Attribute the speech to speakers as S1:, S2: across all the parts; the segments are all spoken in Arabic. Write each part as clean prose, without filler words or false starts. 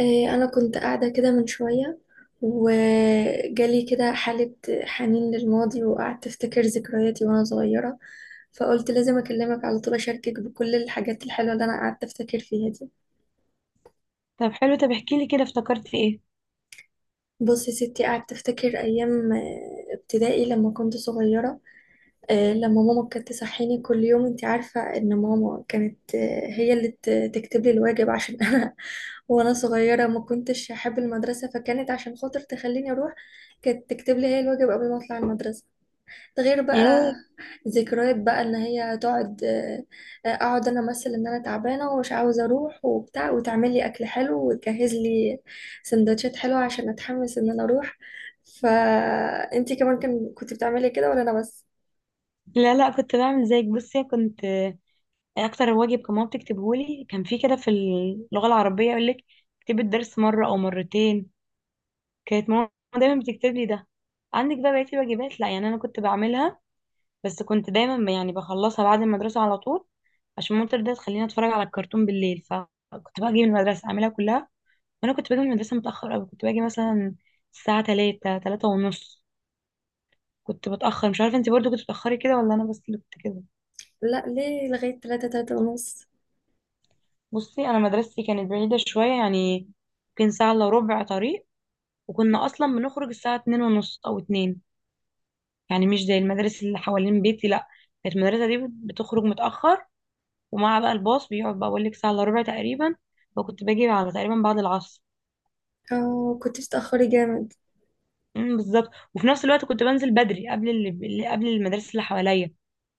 S1: إيه، أنا كنت قاعدة كده من شوية وجالي كده حالة حنين للماضي وقعدت أفتكر ذكرياتي وأنا صغيرة. فقلت لازم أكلمك على طول أشاركك بكل الحاجات الحلوة اللي أنا قعدت أفتكر فيها دي.
S2: طب حلو، طب احكي لي كده افتكرت في ايه
S1: بص يا ستي، قعدت أفتكر أيام ابتدائي لما كنت صغيرة. لما ماما كانت تصحيني كل يوم، انت عارفة ان ماما كانت، هي اللي تكتب لي الواجب عشان انا وانا صغيرة ما كنتش احب المدرسة، فكانت عشان خاطر تخليني اروح كانت تكتب لي هي الواجب قبل ما اطلع المدرسة. ده غير بقى
S2: ايه
S1: ذكريات بقى ان هي تقعد، اقعد انا امثل ان انا تعبانة ومش عاوزة اروح وبتاع، وتعمل لي اكل حلو وتجهز لي سندوتشات حلوة عشان اتحمس ان انا اروح. فانتي كمان كنت بتعملي كده ولا انا بس؟
S2: لا لا، كنت بعمل زيك. بصي كنت اكتر واجب كان ماما بتكتبه لي كان في كده في اللغه العربيه يقول لك اكتبي الدرس مره او مرتين. كانت ماما دايما بتكتب لي ده. عندك بقى بقيه الواجبات، لا يعني انا كنت بعملها، بس كنت دايما يعني بخلصها بعد المدرسه على طول عشان ماما ترضى تخليني اتفرج على الكرتون بالليل. فكنت بقى اجي من المدرسه اعملها كلها. وانا كنت باجي من المدرسه متاخر قوي، كنت باجي مثلا الساعه 3 3 ونص. كنت بتأخر، مش عارفة انت برضو كنت بتأخري كده ولا انا بس اللي كنت كده؟
S1: لا ليه، لغاية تلاتة، تلاتة ونص.
S2: بصي انا مدرستي كانت بعيدة شوية يعني يمكن ساعة الا ربع طريق، وكنا اصلا بنخرج الساعة 2:30 او اتنين، يعني مش زي المدارس اللي حوالين بيتي. لا، كانت المدرسة دي بتخرج متأخر. ومع بقى الباص بيقعد بقى اقول لك ساعة الا ربع تقريبا، فكنت باجي على تقريبا بعد العصر.
S1: اه كنتش تأخري جامد.
S2: بالظبط. وفي نفس الوقت كنت بنزل بدري قبل قبل المدارس اللي حواليا.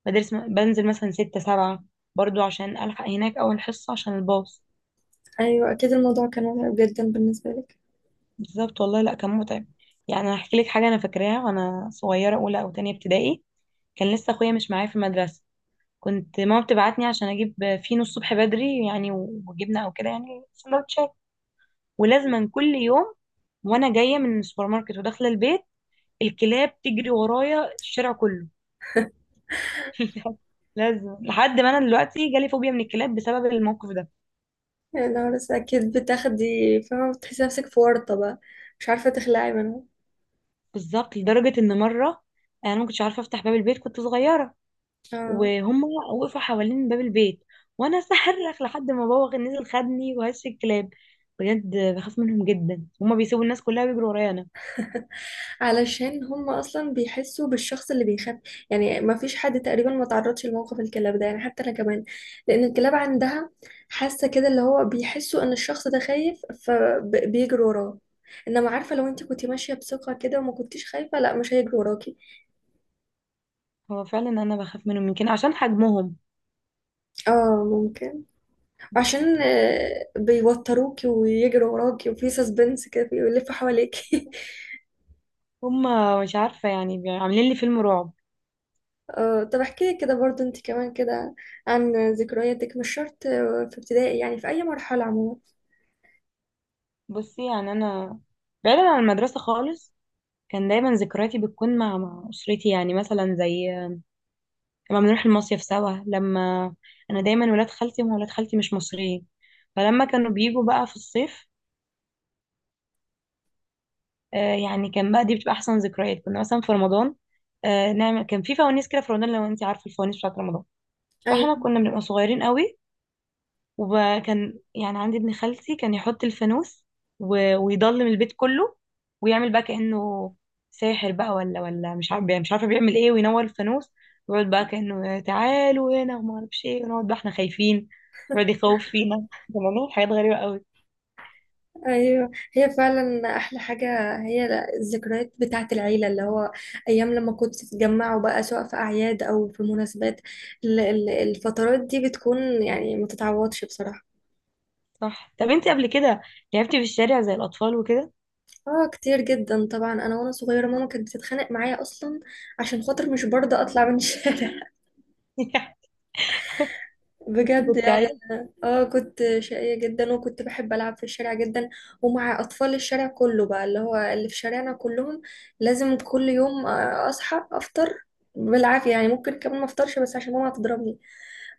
S2: مدارس بنزل مثلا ستة سبعة، برضو عشان ألحق هناك أول حصة عشان الباص.
S1: أيوة أكيد الموضوع كان مرعب جدا بالنسبة لك.
S2: بالظبط والله، لا كان متعب. يعني انا هحكي لك حاجه انا فاكراها وانا صغيره اولى او تانية ابتدائي. كان لسه اخويا مش معايا في المدرسه. كنت ماما بتبعتني عشان اجيب فينو الصبح بدري، يعني وجبنه او كده، يعني سندوتشات. ولازما كل يوم وانا جايه من السوبر ماركت وداخله البيت الكلاب تجري ورايا الشارع كله. لازم لحد ما انا دلوقتي جالي فوبيا من الكلاب بسبب الموقف ده.
S1: يا نهار أسود، أكيد بتاخدي فاهمة بتحسي نفسك في ورطة بقى مش عارفة تخلعي منها.
S2: بالظبط لدرجه ان مره انا ما كنتش عارفه افتح باب البيت، كنت صغيره،
S1: اه.
S2: وهم وقفوا حوالين باب البيت وانا صرخ لحد ما بابا كان نزل خدني وهش الكلاب. بجد بخاف منهم جدا، هما بيسيبوا الناس كلها بيجروا ورايا انا.
S1: علشان هم أصلا بيحسوا بالشخص اللي بيخاف. يعني ما فيش حد تقريبا ما تعرضش لموقف الكلاب ده، يعني حتى أنا كمان، لأن الكلاب عندها حاسة كده اللي هو بيحسوا إن الشخص ده خايف، فبيجروا وراه. انما عارفه لو انت كنتي ماشيه بثقه كده وما كنتيش خايفه، لا مش هيجروا وراكي.
S2: هو فعلا انا بخاف منهم يمكن عشان حجمهم.
S1: اه ممكن. عشان بيوتروكي ويجروا وراكي وفي سسبنس كده بيلفوا حواليكي.
S2: هما مش عارفه يعني عاملين لي فيلم رعب.
S1: اه، طب احكي لي كده برضو انت كمان كده عن ذكرياتك، مش شرط في ابتدائي، يعني في اي مرحلة عموما.
S2: بصي يعني انا بعيدا عن المدرسه خالص، كان دايما ذكرياتي بتكون مع اسرتي، يعني مثلا زي لما بنروح المصيف سوا، لما انا دايما ولاد خالتي، هم ولاد خالتي مش مصريين، فلما كانوا بيجوا بقى في الصيف يعني كان بقى دي بتبقى احسن ذكريات. كنا مثلا في رمضان نعمل كان في فوانيس كده في رمضان، لو انت عارفه الفوانيس بتاعت رمضان. فاحنا
S1: ايوه.
S2: كنا بنبقى صغيرين قوي، وكان يعني عندي ابن خالتي كان يحط الفانوس ويضلم البيت كله ويعمل بقى كأنه ساحر بقى، ولا مش عارفه بيعمل ايه، وينور الفانوس ويقعد بقى كأنه تعالوا هنا وما اعرفش ايه، ونقعد بقى احنا خايفين ويقعد يخوف فينا. كنا بنعمل حاجات غريبه قوي.
S1: ايوه هي فعلا احلى حاجة، هي الذكريات بتاعة العيلة، اللي هو ايام لما كنتوا تتجمعوا بقى سواء في اعياد او في مناسبات، الفترات دي بتكون يعني ما تتعوضش بصراحة.
S2: صح. طب انت قبل كده لعبتي في الشارع زي الاطفال وكده؟
S1: اه كتير جدا طبعا، انا وانا صغيره ماما كانت بتتخانق معايا اصلا عشان خاطر مش برضه اطلع من الشارع. بجد
S2: كنت.
S1: يعني. اه كنت شقيه جدا، وكنت بحب العب في الشارع جدا ومع اطفال الشارع كله بقى، اللي هو اللي في شارعنا كلهم. لازم كل يوم اصحى افطر بالعافيه، يعني ممكن كمان ما افطرش بس عشان ماما هتضربني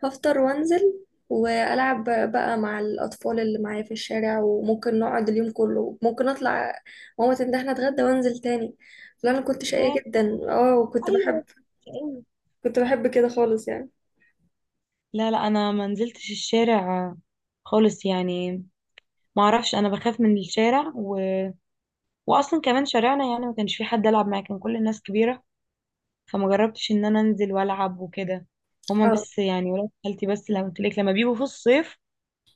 S1: هفطر وانزل والعب بقى مع الاطفال اللي معايا في الشارع، وممكن نقعد اليوم كله، ممكن اطلع ماما تندهني اتغدى وانزل تاني. لا انا كنت شقية
S2: ياه،
S1: جدا، اه، وكنت بحب
S2: ايوه، أيوة.
S1: كنت بحب كده خالص يعني.
S2: لا لا، انا ما نزلتش الشارع خالص يعني. ما اعرفش، انا بخاف من الشارع، و... واصلا كمان شارعنا يعني ما كانش في حد العب معاه، كان كل الناس كبيره، فما جربتش ان انا انزل والعب وكده. هما
S1: اه.
S2: بس يعني ولاد خالتي بس لما قلت لك لما بيجوا في الصيف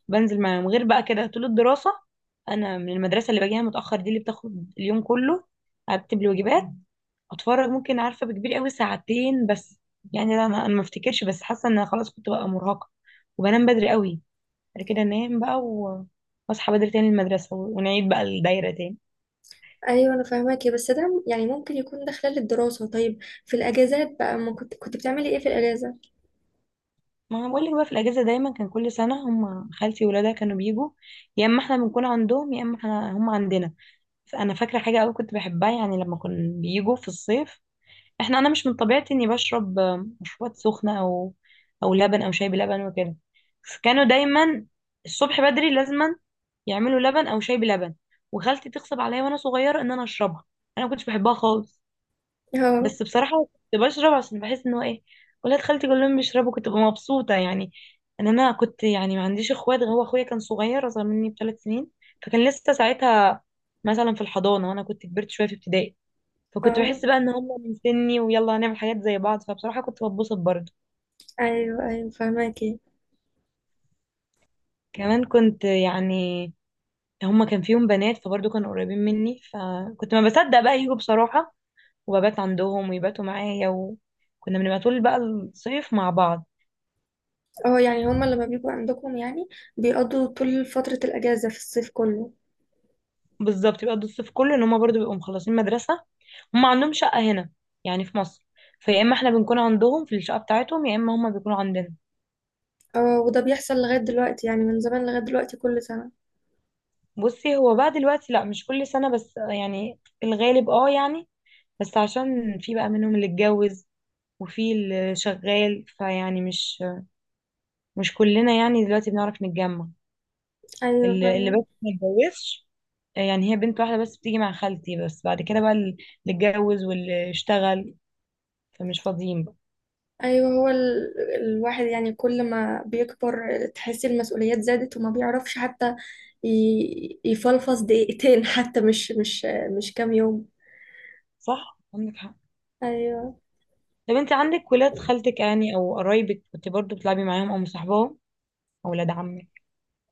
S2: بنزل معاهم. غير بقى كده طول الدراسه انا من المدرسه اللي باجيها متاخر دي اللي بتاخد اليوم كله. ارتب الواجبات، اتفرج ممكن عارفه بكبير قوي ساعتين بس. يعني لا، ما أنا ما افتكرش، بس حاسه ان أنا خلاص كنت بقى مرهقه وبنام بدري قوي بعد كده انام بقى واصحى بدري تاني المدرسه ونعيد بقى الدايره تاني.
S1: ايوه انا فاهماكي، بس ده يعني ممكن يكون ده خلال الدراسة، طيب في الاجازات بقى ما كنت بتعملي ايه في الاجازة؟
S2: ما أنا بقول لك، بقى في الاجازه دايما كان كل سنه هم خالتي وولادها كانوا بيجوا، يا اما احنا بنكون عندهم يا اما احنا هم عندنا. فانا فاكره حاجه قوي كنت بحبها يعني لما كنا بيجوا في الصيف. احنا انا مش من طبيعتي اني بشرب مشروبات سخنه او او لبن او شاي بلبن وكده، فكانوا دايما الصبح بدري لازما يعملوا لبن او شاي بلبن وخالتي تغصب عليا وانا صغيره ان انا اشربها. انا ما كنتش بحبها خالص،
S1: اه.
S2: بس بصراحه كنت بشرب عشان بحس ان هو ايه، ولاد خالتي كلهم بيشربوا كنت ببقى مبسوطه. يعني ان انا كنت يعني ما عنديش اخوات، هو اخويا كان صغير اصغر مني بـ3 سنين، فكان لسه ساعتها مثلا في الحضانه، وانا كنت كبرت شويه في ابتدائي، فكنت
S1: اه
S2: بحس بقى ان هم من سني ويلا هنعمل حاجات زي بعض، فبصراحة كنت بتبسط برضه.
S1: ايوه ايوه فاهماكي.
S2: كمان كنت يعني هم كان فيهم بنات فبرضه كانوا قريبين مني، فكنت ما بصدق بقى يجوا بصراحة وببات عندهم ويباتوا معايا، وكنا بنبقى طول بقى الصيف مع بعض.
S1: اه، يعني هما لما بيبقوا عندكم يعني بيقضوا طول فترة الاجازة في الصيف كله.
S2: بالظبط بيقضوا الصيف كله ان هم برضه بيبقوا مخلصين مدرسة. هم عندهم شقة هنا يعني في مصر، فيا اما احنا بنكون عندهم في الشقة بتاعتهم يا اما هم بيكونوا عندنا.
S1: اه وده بيحصل لغاية دلوقتي، يعني من زمان لغاية دلوقتي كل سنة؟
S2: بصي هو بقى دلوقتي لا مش كل سنة، بس يعني الغالب اه يعني. بس عشان في بقى منهم اللي اتجوز وفي اللي شغال، فيعني مش كلنا يعني دلوقتي بنعرف نتجمع.
S1: أيوة
S2: اللي
S1: فعلا.
S2: بس ما اتجوزش يعني هي بنت واحدة بس بتيجي مع خالتي، بس بعد كده بقى اللي اتجوز واللي اشتغل فمش فاضيين بقى.
S1: أيوة هو الواحد يعني كل ما بيكبر تحسي المسؤوليات زادت وما بيعرفش حتى يفلفص دقيقتين حتى مش كام يوم.
S2: صح عندك حق.
S1: أيوة.
S2: طب انت عندك ولاد خالتك يعني او قرايبك كنت برضو بتلعبي معاهم او مصاحباهم او ولاد عمك؟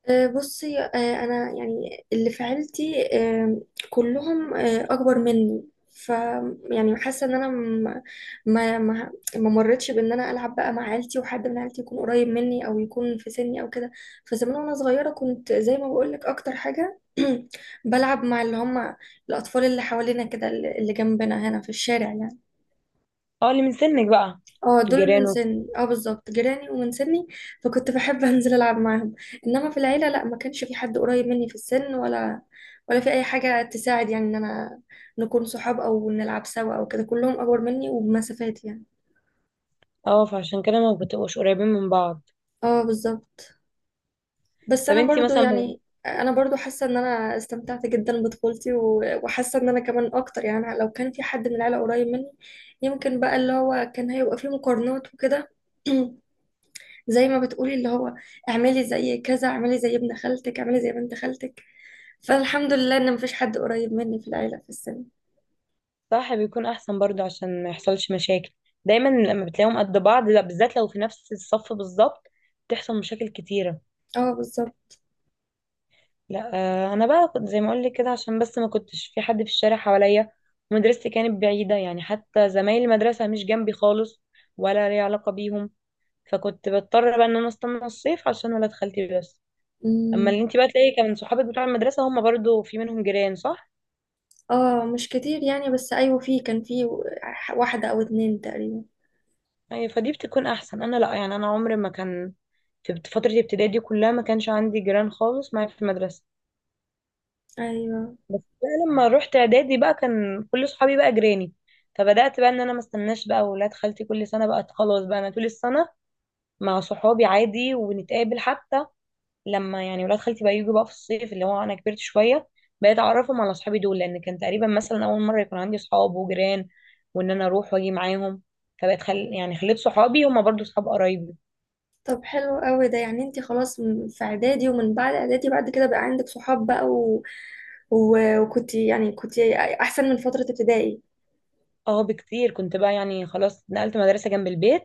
S1: بصي انا يعني اللي في عيلتي كلهم اكبر مني، ف يعني حاسه ان انا، ما ما ما مرتش بان انا العب بقى مع عيلتي وحد من عيلتي يكون قريب مني او يكون في سني او كده. فزمان وانا صغيره كنت زي ما بقول لك اكتر حاجه بلعب مع اللي هم الاطفال اللي حوالينا كده، اللي جنبنا هنا في الشارع يعني.
S2: اه اللي من سنك بقى.
S1: اه دول من
S2: جيرانه.
S1: سني، اه بالظبط، جيراني ومن سني، فكنت بحب انزل العب معاهم. انما في العيله لا، ما كانش في حد قريب مني في السن، ولا في اي حاجه تساعد يعني ان انا نكون صحاب او نلعب سوا او كده، كلهم اكبر مني وبمسافات يعني.
S2: اه، فعشان كده ما بتبقوش قريبين من بعض.
S1: اه بالظبط. بس
S2: طب
S1: انا
S2: انت
S1: برضو
S2: مثلا.
S1: يعني انا برضو حاسه ان انا استمتعت جدا بطفولتي وحاسه ان انا كمان اكتر، يعني لو كان في حد من العيله قريب مني يمكن بقى اللي هو كان هيبقى فيه مقارنات وكده. زي ما بتقولي اللي هو اعملي زي كذا، اعملي زي ابن خالتك، اعملي زي بنت خالتك، فالحمد لله ان مفيش حد قريب مني في العيلة في السن.
S2: صح بيكون احسن برضو عشان ما يحصلش مشاكل، دايما لما بتلاقيهم قد بعض، لا بالذات لو في نفس الصف بالظبط بتحصل مشاكل كتيرة.
S1: اه بالظبط.
S2: لا انا بقى كنت زي ما اقول لك كده، عشان بس ما كنتش في حد في الشارع حواليا، ومدرستي كانت بعيدة يعني حتى زمايل المدرسة مش جنبي خالص ولا لي علاقة بيهم، فكنت بضطر بقى ان انا استنى الصيف عشان ولاد خالتي بس. اما
S1: أمم.
S2: اللي انت بقى تلاقي كان صحابك بتوع المدرسة هم برضو في منهم جيران، صح؟
S1: اه مش كتير يعني، بس ايوه في، كان في واحدة او اتنين تقريبا.
S2: أيوة فدي بتكون أحسن. أنا لأ، يعني أنا عمري ما كان في فترة ابتدائي دي كلها ما كانش عندي جيران خالص معايا في المدرسة.
S1: ايوه.
S2: بس بقى لما رحت إعدادي بقى كان كل صحابي بقى جيراني، فبدأت بقى إن أنا ما استناش بقى ولاد خالتي كل سنة. بقى خلاص بقى أنا طول السنة مع صحابي عادي ونتقابل حتى لما يعني ولاد خالتي بقى يجوا بقى في الصيف اللي هو أنا كبرت شوية. بقيت أعرفهم على صحابي دول لأن كان تقريبا مثلا أول مرة يكون عندي صحاب وجيران، وإن أنا أروح وأجي معاهم، فبقت يعني خليت صحابي هما برضو صحاب قرايبي.
S1: طب حلو قوي ده، يعني انت خلاص في اعدادي ومن بعد اعدادي بعد كده بقى عندك صحاب بقى وكنت يعني كنت احسن من فترة ابتدائي.
S2: اه بكتير، كنت بقى يعني خلاص نقلت مدرسة جنب البيت،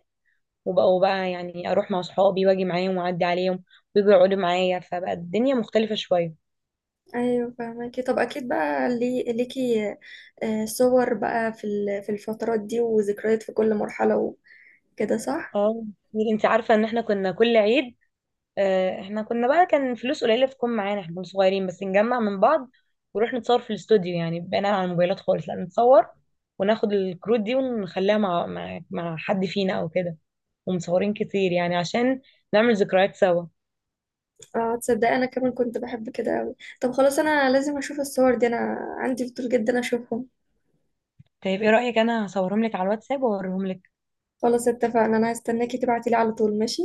S2: وبقوا بقى يعني اروح مع صحابي واجي معاهم واعدي عليهم ويجوا يقعدوا معايا، فبقى الدنيا مختلفة شوية.
S1: ايوه فاهمكي، طب اكيد بقى لي صور بقى في في الفترات دي وذكريات في كل مرحله وكده صح؟
S2: اه. انت عارفة ان احنا كنا كل عيد احنا كنا بقى كان فلوس قليلة تكون معانا، احنا كنا صغيرين بس نجمع من بعض ونروح نتصور في الاستوديو، يعني بقينا على الموبايلات خالص لا، نتصور وناخد الكروت دي ونخليها مع حد فينا او كده، ومصورين كتير يعني عشان نعمل ذكريات سوا.
S1: اه. تصدقي انا كمان كنت بحب كده قوي. طب خلاص انا لازم اشوف الصور دي، انا عندي فضول جدا اشوفهم.
S2: طيب ايه رأيك انا هصورهم لك على الواتساب واوريهم لك.
S1: خلاص اتفقنا، انا هستناكي تبعتي لي على طول، ماشي.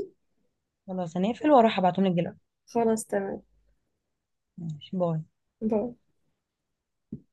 S2: خلاص هنقفل واروح ابعتهم لك دلوقتي.
S1: خلاص تمام.
S2: ماشي، باي.
S1: باي.